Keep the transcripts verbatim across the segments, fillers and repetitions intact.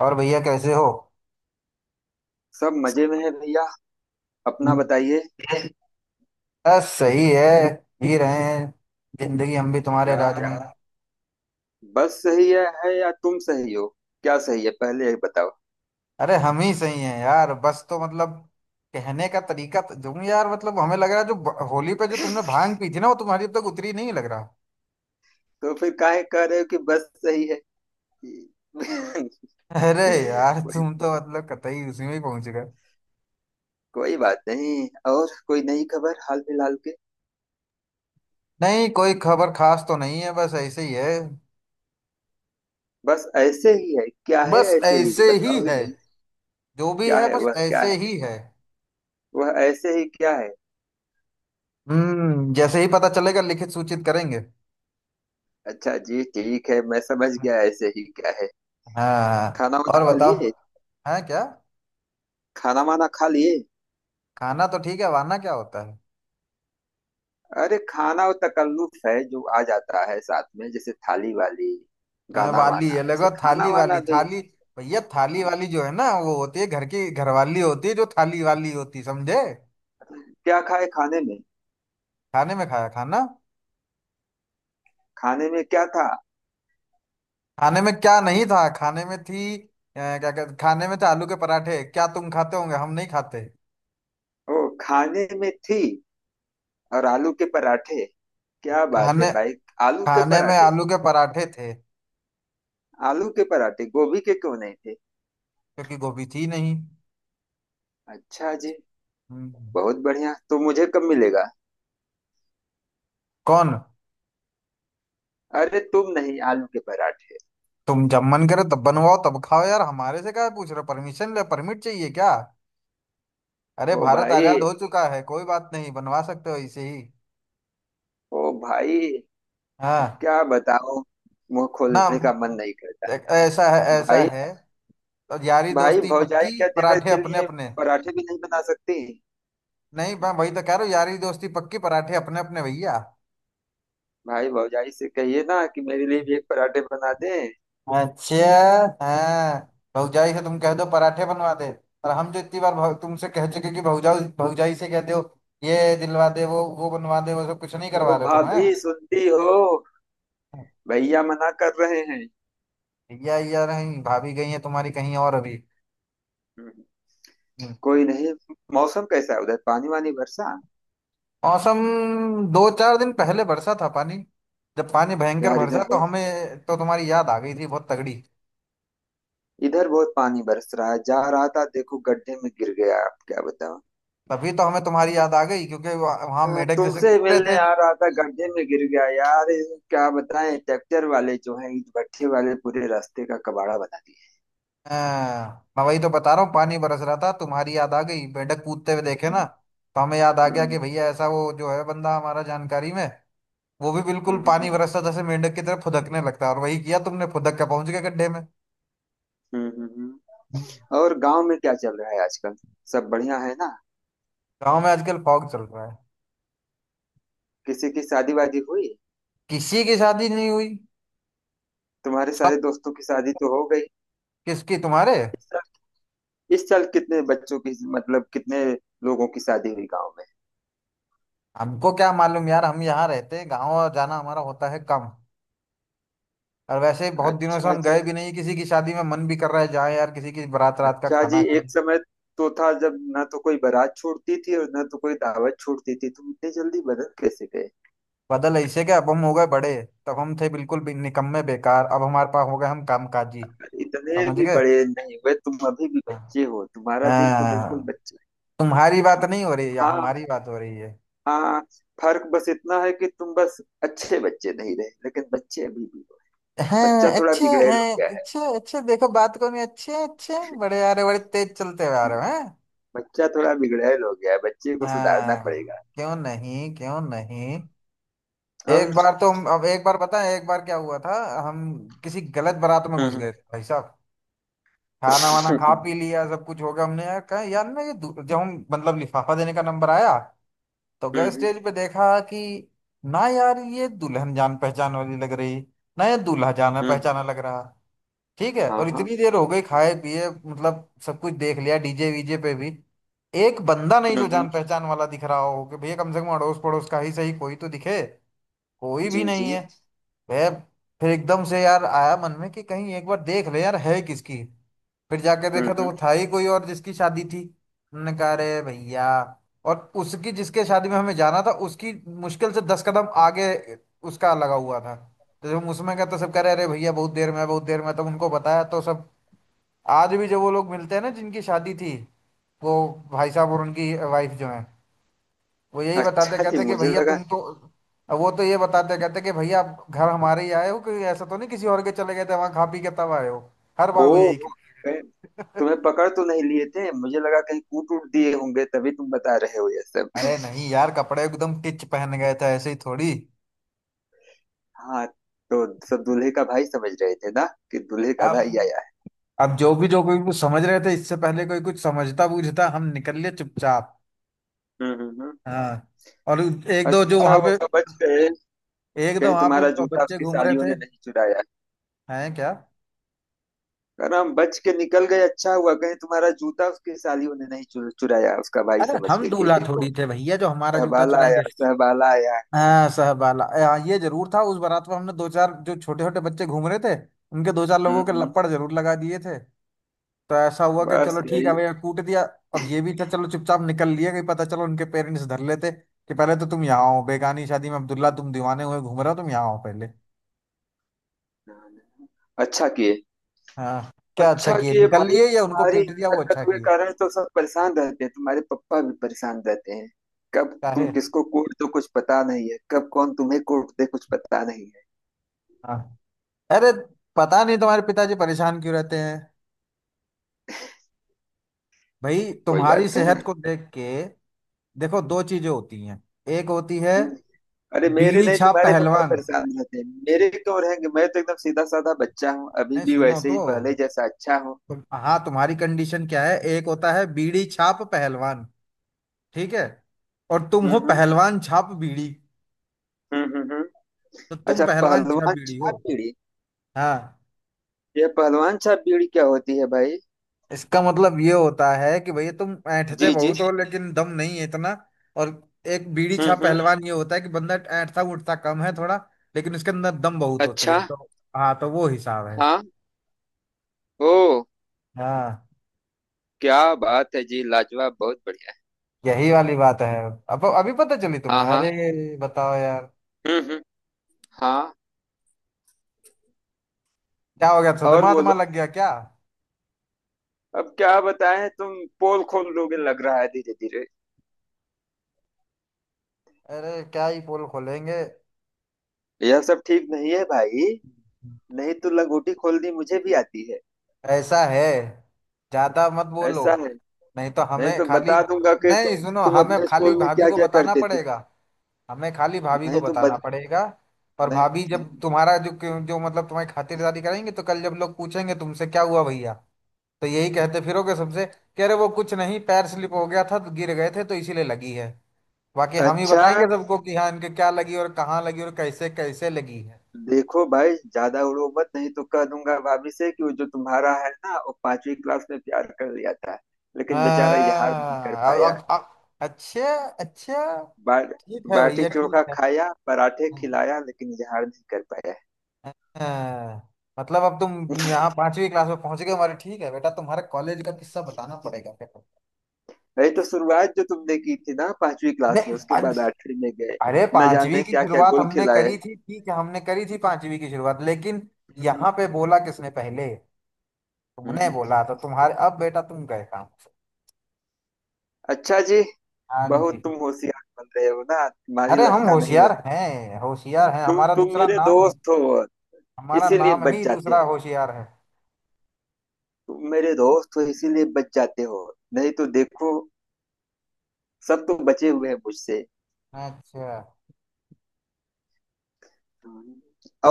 और भैया कैसे हो? सब मजे में है भैया। अपना बताइए। बस सही है। जी रहे हैं जिंदगी हम भी तुम्हारे राज यार में। बस सही है, है या तुम सही हो? क्या सही है, पहले ये बताओ। अरे हम ही सही हैं यार बस, तो मतलब कहने का तरीका तो- तुम यार, मतलब हमें लग रहा है जो ब- होली पे जो तुमने भांग पी थी ना, वो तुम्हारी अब तक उतरी नहीं लग रहा। तो फिर काहे कह रहे हो कि बस सही है? अरे यार कोई तुम तो मतलब कतई उसी में ही पहुंच गए। कोई बात नहीं। और कोई नई खबर हाल फिलहाल के? नहीं कोई खबर खास तो नहीं है, बस ऐसे ही है। बस ऐसे ही है क्या है? बस ऐसे ही ऐसे ही बताओगे है। भैया? जो भी क्या है है, बस वह क्या है? ऐसे ही है। वह ऐसे ही क्या है? हम्म जैसे ही पता चलेगा लिखित सूचित करेंगे। अच्छा जी, ठीक है, मैं समझ गया ऐसे ही क्या है। हाँ। खाना वाना और खा बताओ, लिए? है क्या। खाना वाना खा लिए? खाना तो ठीक है, वाना क्या होता है? अरे खाना वो तकल्लुफ है जो आ जाता है साथ में, जैसे थाली वाली। मैंने गाना वाली है वाना, लगा, वैसे खाना थाली वाली वाना भी। थाली। भैया थाली हाँ। वाली जो है ना वो होती है घर की घरवाली, होती है जो थाली वाली होती, समझे। क्या खाए खाने में? खाने में खाया खाना। खाने में क्या था? खाने में क्या नहीं था, खाने में थी अ, क्या कहते, खाने में थे आलू के पराठे। क्या तुम खाते होंगे, हम नहीं खाते। ओ, खाने में थी। और आलू के पराठे! क्या बात है खाने भाई! आलू के खाने में पराठे। आलू के पराठे थे। आलू के पराठे, गोभी के क्यों नहीं थे? क्योंकि गोभी थी नहीं। अच्छा जी। हम्म। बहुत बढ़िया, तो मुझे कब मिलेगा? कौन? अरे तुम नहीं, आलू के पराठे। तुम जब मन करे तब बनवाओ तब खाओ यार, हमारे से क्या पूछ रहे हो? परमिशन ले, परमिट चाहिए क्या? अरे ओ भारत आजाद भाई! हो चुका है, कोई बात नहीं बनवा सकते हो इसे ही। ओ भाई! अब हाँ। क्या बताओ, मुंह ना। खोलने का मन नहीं करता। एक- ऐसा है ऐसा भाई, है। तो यारी भाई दोस्ती भौजाई पक्की, क्या देवर पराठे के अपने लिए अपने। पराठे भी नहीं बना सकती? नहीं मैं वही तो कह रहा हूँ, यारी दोस्ती पक्की पराठे अपने अपने, भैया। भाई भौजाई से कहिए ना, कि मेरे लिए भी एक पराठे बना दे। अच्छा। हाँ। भौजाई से तुम कह दो पराठे बनवा दे। और हम जो इतनी बार भौ- तुमसे कह चुके कि भौजाऊ भौजाई से कह दो, ये दिलवा दे, वो वो बनवा दे, वो सब कुछ नहीं वो करवा रहे तुम है। भाभी सुनती हो, भैया मना कर रहे हैं। भैया या नहीं, भाभी गई है तुम्हारी कहीं और अभी? हम्म। कोई नहीं। मौसम कैसा है उधर? पानी वानी बरसा? मौसम, दो चार दिन पहले बरसा था पानी। जब पानी भयंकर यार इधर बरसा तो बहुत हमें तो तुम्हारी याद आ गई थी बहुत तगड़ी। इधर बहुत पानी बरस रहा है, जा रहा था, देखो गड्ढे में गिर गया, आप क्या बताओ। तभी तो हमें तुम्हारी याद आ गई क्योंकि वहाँ वहाँ हाँ, मेढक जैसे तुमसे कूद मिलने रहे थे। आ रहा था, गड्ढे में गिर गया यार। ये क्या बताएं, ट्रैक्टर वाले जो हैं, ईट भट्ठे वाले, पूरे रास्ते का कबाड़ा बना दिए। हाँ, मैं वही तो बता रहा हूँ, पानी बरस रहा था तुम्हारी याद आ गई, मेढक कूदते हुए देखे ना। हम्म, तो हमें याद आ गया हम्म, कि भैया ऐसा, वो जो है बंदा हमारा जानकारी में, वो भी बिल्कुल हम्म, पानी हम्म। बरसता जैसे मेंढक की तरह फुदकने लगता है, और वही किया तुमने, फुदक के पहुंच गए गड्ढे में। हम्म हम्म, हम्म। हम्म। और गांव में क्या चल रहा है आजकल? सब बढ़िया है ना? गाँव में आजकल फॉग चल रहा है। किसी की शादी वादी हुई? किसी की शादी नहीं हुई। तुम्हारे सब। सारे दोस्तों की शादी तो हो गई। किसकी, तुम्हारे? इस साल इस साल कितने बच्चों की, मतलब कितने लोगों की शादी हुई गांव में? हमको क्या मालूम यार, हम यहाँ रहते हैं, गाँव जाना हमारा होता है कम। और वैसे ही बहुत दिनों से अच्छा हम जी। गए भी नहीं किसी की शादी में, मन भी कर रहा है जाए यार, किसी की बारात, रात का अच्छा जी, खाना खाएं। एक समय तो था जब ना तो कोई बारात छोड़ती थी और ना तो कोई दावत छोड़ती थी, तुम इतने जल्दी बदल कैसे गए? बदल ऐसे क्या, अब हम हो गए बड़े। तब हम थे बिल्कुल भी निकम्मे बेकार, अब हमारे पास हो गए, हम कामकाजी। इतने समझ भी गए। बड़े नहीं हुए तुम, अभी भी हाँ। बच्चे हो, तुम्हारा दिल तो बिल्कुल हाँ, बच्चे। तुम्हारी बात नहीं हो रही या हाँ, हमारी बात हो रही है? हाँ। फर्क बस इतना है कि तुम बस अच्छे बच्चे नहीं रहे, लेकिन बच्चे अभी भी हो। हाँ बच्चा थोड़ा अच्छे। बिगड़ैल हो हैं गया है। अच्छे अच्छे, देखो बात को, नहीं अच्छे अच्छे बड़े आ रहे, बड़े तेज चलते हुए आ रहे हो हैं। बच्चा थोड़ा बिगड़ैल हो गया है, बच्चे को सुधारना पड़ेगा। हाँ, क्यों नहीं क्यों नहीं। एक और बार तो हम, अब एक बार बताएं एक बार क्या हुआ था। हम किसी गलत बारात में घुस हम्म। गए थे भाई साहब। खाना वाना खा हम्म पी लिया सब कुछ हो गया, हमने यार कहा यार, ना ये दू- जब हम मतलब लिफाफा देने का नंबर आया, तो गए हम्म, स्टेज पे देखा कि ना यार ये दुल्हन जान पहचान वाली लग रही, ना ये दूल्हा जाना हम्म, पहचाना लग रहा। ठीक है, हाँ और हाँ, इतनी देर हो गई खाए पिए, मतलब सब कुछ देख लिया डीजे वीजे पे भी, एक बंदा नहीं हम्म जो हम्म, जान पहचान वाला दिख रहा हो कि भैया कम से कम अड़ोस पड़ोस का ही सही कोई तो दिखे। कोई भी जी नहीं जी, है। मैं, फिर एकदम से यार आया मन में कि कहीं एक बार देख ले यार है किसकी। फिर जाके हम्म देखा तो वो हम्म। था ही कोई और जिसकी शादी थी। हमने कहा अरे भैया, और उसकी जिसके शादी में हमें जाना था, उसकी मुश्किल से दस कदम आगे उसका लगा हुआ था। तो जब हम उसमें गए तो सब कह रहे अरे भैया बहुत देर में है, बहुत देर में है। तब उनको बताया तो सब, आज भी जो वो लोग मिलते हैं ना जिनकी शादी थी, वो भाई साहब और उनकी वाइफ जो है, वो यही बताते अच्छा जी, कहते कि मुझे भैया लगा। तुम तो, वो तो ये बताते कहते कि भैया आप घर हमारे ही आए हो कि ऐसा तो नहीं किसी और के चले गए थे वहां खा पी के तब आए हो। हर बार वो ओ, यही। कहीं तुम्हें पकड़ तो नहीं लिए थे, मुझे लगा कहीं कूट उट दिए होंगे, तभी तुम बता रहे हो ये सब। अरे नहीं यार, कपड़े एकदम टिच पहन गए थे, ऐसे ही थोड़ी। हाँ, तो सब दूल्हे का भाई समझ रहे थे ना, कि दूल्हे का भाई अब, आया है। अब जो भी जो कोई कुछ समझ रहे थे, इससे पहले कोई कुछ समझता बूझता हम निकल लिए चुपचाप। हम्म। हाँ। और एक दो जो अच्छा वहां पे, हुआ बच गए। एक दो कहीं वहां पे तुम्हारा जूता बच्चे उसकी घूम रहे सालियों थे। ने नहीं चुराया? हैं क्या? अरे हम बच के निकल गए, अच्छा हुआ। कहीं तुम्हारा जूता उसकी सालियों ने नहीं चुर, चुराया, उसका भाई अरे समझ हम के कि दूल्हा देखो थोड़ी थे भैया जो हमारा जूता सहबाला आया, चुराएंगे। सहबाला आया। हाँ सहबाला, हाँ, ये जरूर था। उस बारात में हमने दो चार जो छोटे छोटे बच्चे घूम रहे थे उनके, दो चार हम्म लोगों के हम्म। लपड़ जरूर लगा दिए थे। तो ऐसा हुआ कि बस चलो ठीक है यही? भैया कूट दिया। और ये भी था चलो चुपचाप निकल लिए, कहीं पता चलो उनके पेरेंट्स धर लेते कि पहले तो तुम यहाँ आओ, बेगानी शादी में अब्दुल्ला तुम दीवाने हुए घूम रहे हो, तुम यहाँ आओ पहले। अच्छा किए। हाँ। क्या अच्छा अच्छा किए, किए निकल भाई, लिए या उनको तुम्हारी पीट दिया वो हरकत अच्छा के किए? कारण तो सब परेशान रहते हैं, तुम्हारे पापा भी परेशान रहते हैं। कब तुम काहे। किसको कोर्ट दो कुछ पता नहीं है, कब कौन तुम्हें कोर्ट दे कुछ पता नहीं है। हाँ। अरे, पता नहीं तुम्हारे पिताजी परेशान क्यों रहते हैं, भाई कोई बात तुम्हारी सेहत नहीं। को देख के। देखो दो चीजें होती हैं। एक होती है हम्म। अरे मेरे बीड़ी नहीं, छाप तुम्हारे पापा पहलवान। परेशान रहते हैं। मेरे क्यों रहेंगे, मैं तो एकदम सीधा साधा बच्चा हूँ, अभी नहीं भी सुनो वैसे तो। ही पहले जैसा अच्छा हूँ। तुम, हाँ, तुम्हारी कंडीशन क्या है। एक होता है बीड़ी छाप पहलवान, ठीक है, और तुम हम्म हो हम्म, पहलवान छाप बीड़ी। हम्म हम्म, हम्म। तो तुम अच्छा, पहलवान छाप पहलवान बीड़ी हो। छाप बीड़ी। हाँ। यह पहलवान छाप बीड़ी क्या होती है भाई? इसका मतलब ये होता है कि भैया तुम ऐंठते जी जी। बहुत हो लेकिन दम नहीं है इतना। और एक बीड़ी हम्म छा हम्म। पहलवान ये होता है कि बंदा ऐंठता उठता कम है थोड़ा, लेकिन उसके अंदर दम बहुत होती अच्छा। है, तो हाँ तो वो हिसाब है। हाँ। ओ, हाँ। क्या बात है जी, लाजवाब, बहुत बढ़िया। यही वाली बात है। अब अभी पता चली तुम्हें, हाँ हाँ। अरे बताओ यार। हम्म हम्म। हाँ। क्या हो गया, और सदमा वदमा बोलो। लग गया क्या? अब क्या बताएं, तुम पोल खोल लोगे लग रहा है धीरे धीरे। अरे क्या ही पोल खोलेंगे। यह सब ठीक नहीं है भाई, नहीं तो लंगोटी खोलनी मुझे भी आती है। ऐसा है, ज्यादा मत बोलो। ऐसा है, नहीं तो नहीं हमें तो खाली, बता दूंगा कि नहीं तुम सुनो, तुम हमें अपने खाली स्कूल में भाभी क्या को क्या बताना करते थे। पड़ेगा। हमें खाली भाभी को नहीं तो बताना बत, पड़ेगा। और नहीं, भाभी जब तुम्हारा जो, जो मतलब तुम्हारी खातिरदारी करेंगे तो कल जब लोग पूछेंगे तुमसे क्या हुआ भैया, तो यही कहते फिरोगे सबसे, कह रहे वो कुछ नहीं पैर स्लिप हो गया था तो गिर गए थे तो इसीलिए लगी है। बाकी हम ही अच्छा बताएंगे सबको कि हाँ, इनके क्या लगी और कहाँ लगी और कैसे कैसे लगी है। देखो भाई, ज्यादा उड़ो मत, नहीं तो कह दूंगा भाभी से कि वो जो तुम्हारा है ना, वो पांचवी क्लास में प्यार कर लिया था, लेकिन बेचारा इजहार नहीं कर हाँ। अब पाया। अब अब- अच्छा। अच्छा। बा, ठीक है बाटी भैया ठीक चोखा है। खाया, पराठे खिलाया, लेकिन इजहार नहीं कर पाया। हाँ, मतलब अब तुम यहाँ पांचवी क्लास में पहुंच गए हमारे, ठीक है बेटा तुम्हारे कॉलेज का किस्सा बताना पड़ेगा फिर। नहीं तो शुरुआत जो तुमने की थी ना पांचवी क्लास में, नहीं, उसके पंच बाद आठवीं में गए, अरे न पांचवी जाने की क्या क्या शुरुआत गोल हमने खिलाए। करी थी, ठीक है हमने करी थी पांचवी की शुरुआत, लेकिन हम्म यहाँ पे बोला किसने पहले, हम्म, तुमने हम्म। बोला, तो तुम्हारे अब बेटा तुम गए काम। अच्छा जी, हाँ जी। बहुत तुम होशियार बन रहे हो ना, तुम्हारी अरे हम लंका नहीं लग। होशियार हैं, होशियार हैं, तुम हमारा तुम दूसरा मेरे नाम ही, दोस्त हो हमारा इसीलिए नाम बच ही जाते दूसरा हो। होशियार है। तुम मेरे दोस्त हो इसीलिए बच जाते हो, नहीं तो देखो, सब तो बचे हुए हैं मुझसे। अच्छा।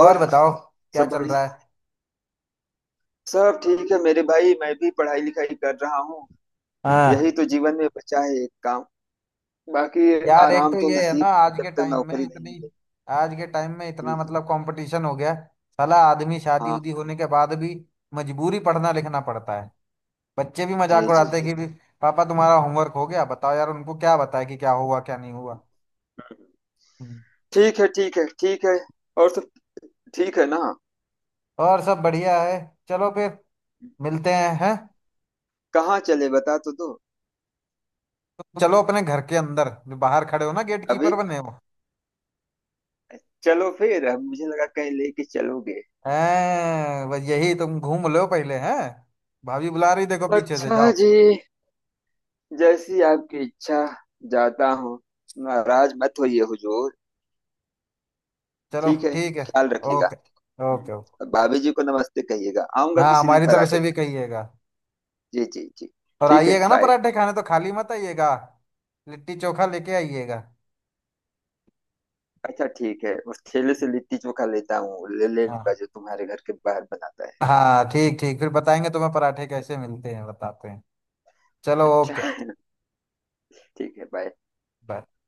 और बताओ क्या सब चल बड़ी रहा है। सब ठीक है मेरे भाई, मैं भी पढ़ाई लिखाई कर रहा हूँ, यही तो हाँ। जीवन में बचा है एक काम। बाकी यार एक आराम तो तो ये है ना नसीब, आज जब के तक टाइम में नौकरी नहीं इतनी, मिलेगी। आज के टाइम में इतना जी जी। मतलब कंपटीशन हो गया है, साला आदमी शादी हाँ। उदी होने के बाद भी मजबूरी पढ़ना लिखना पड़ता है। बच्चे भी जी मजाक जी उड़ाते हैं जी। कि भी, पापा तुम्हारा होमवर्क हो गया, बताओ यार उनको क्या बताए कि क्या हुआ क्या नहीं हुआ। हम्म। ठीक है, ठीक है, ठीक है। और सब ठीक है ना? और सब बढ़िया है। चलो फिर, मिलते हैं हैं। कहाँ चले, बता तो दो। चलो अपने घर के अंदर, जो बाहर खड़े हो ना गेट अभी? कीपर बने हो। चलो फिर। अब मुझे लगा कहीं लेके चलोगे। हैं बस यही, तुम घूम लो पहले हैं। भाभी बुला रही, देखो पीछे से अच्छा जाओ। जी, जैसी आपकी इच्छा। जाता हूँ, नाराज मत होइए हुजूर। चलो ठीक है, ठीक है। ख्याल रखिएगा। Okay hmm. Okay okay. और भाभी जी को नमस्ते कहिएगा, आऊंगा हाँ किसी दिन हमारी तरफ पराठे से भी कहिएगा। खाने। जी जी जी। और ठीक है, आइएगा ना बाय। पराठे खाने, तो खाली मत आइएगा। लिट्टी चोखा लेके आइएगा। अच्छा ठीक है, उस ठेले से लिट्टी चोखा लेता हूँ, ले ले लूंगा हाँ जो तुम्हारे घर के बाहर बनाता है। हाँ, ठीक ठीक, फिर बताएंगे तुम्हें पराठे कैसे मिलते हैं बताते हैं। चलो ओके। अच्छा। ठीक है, बाय। बाय।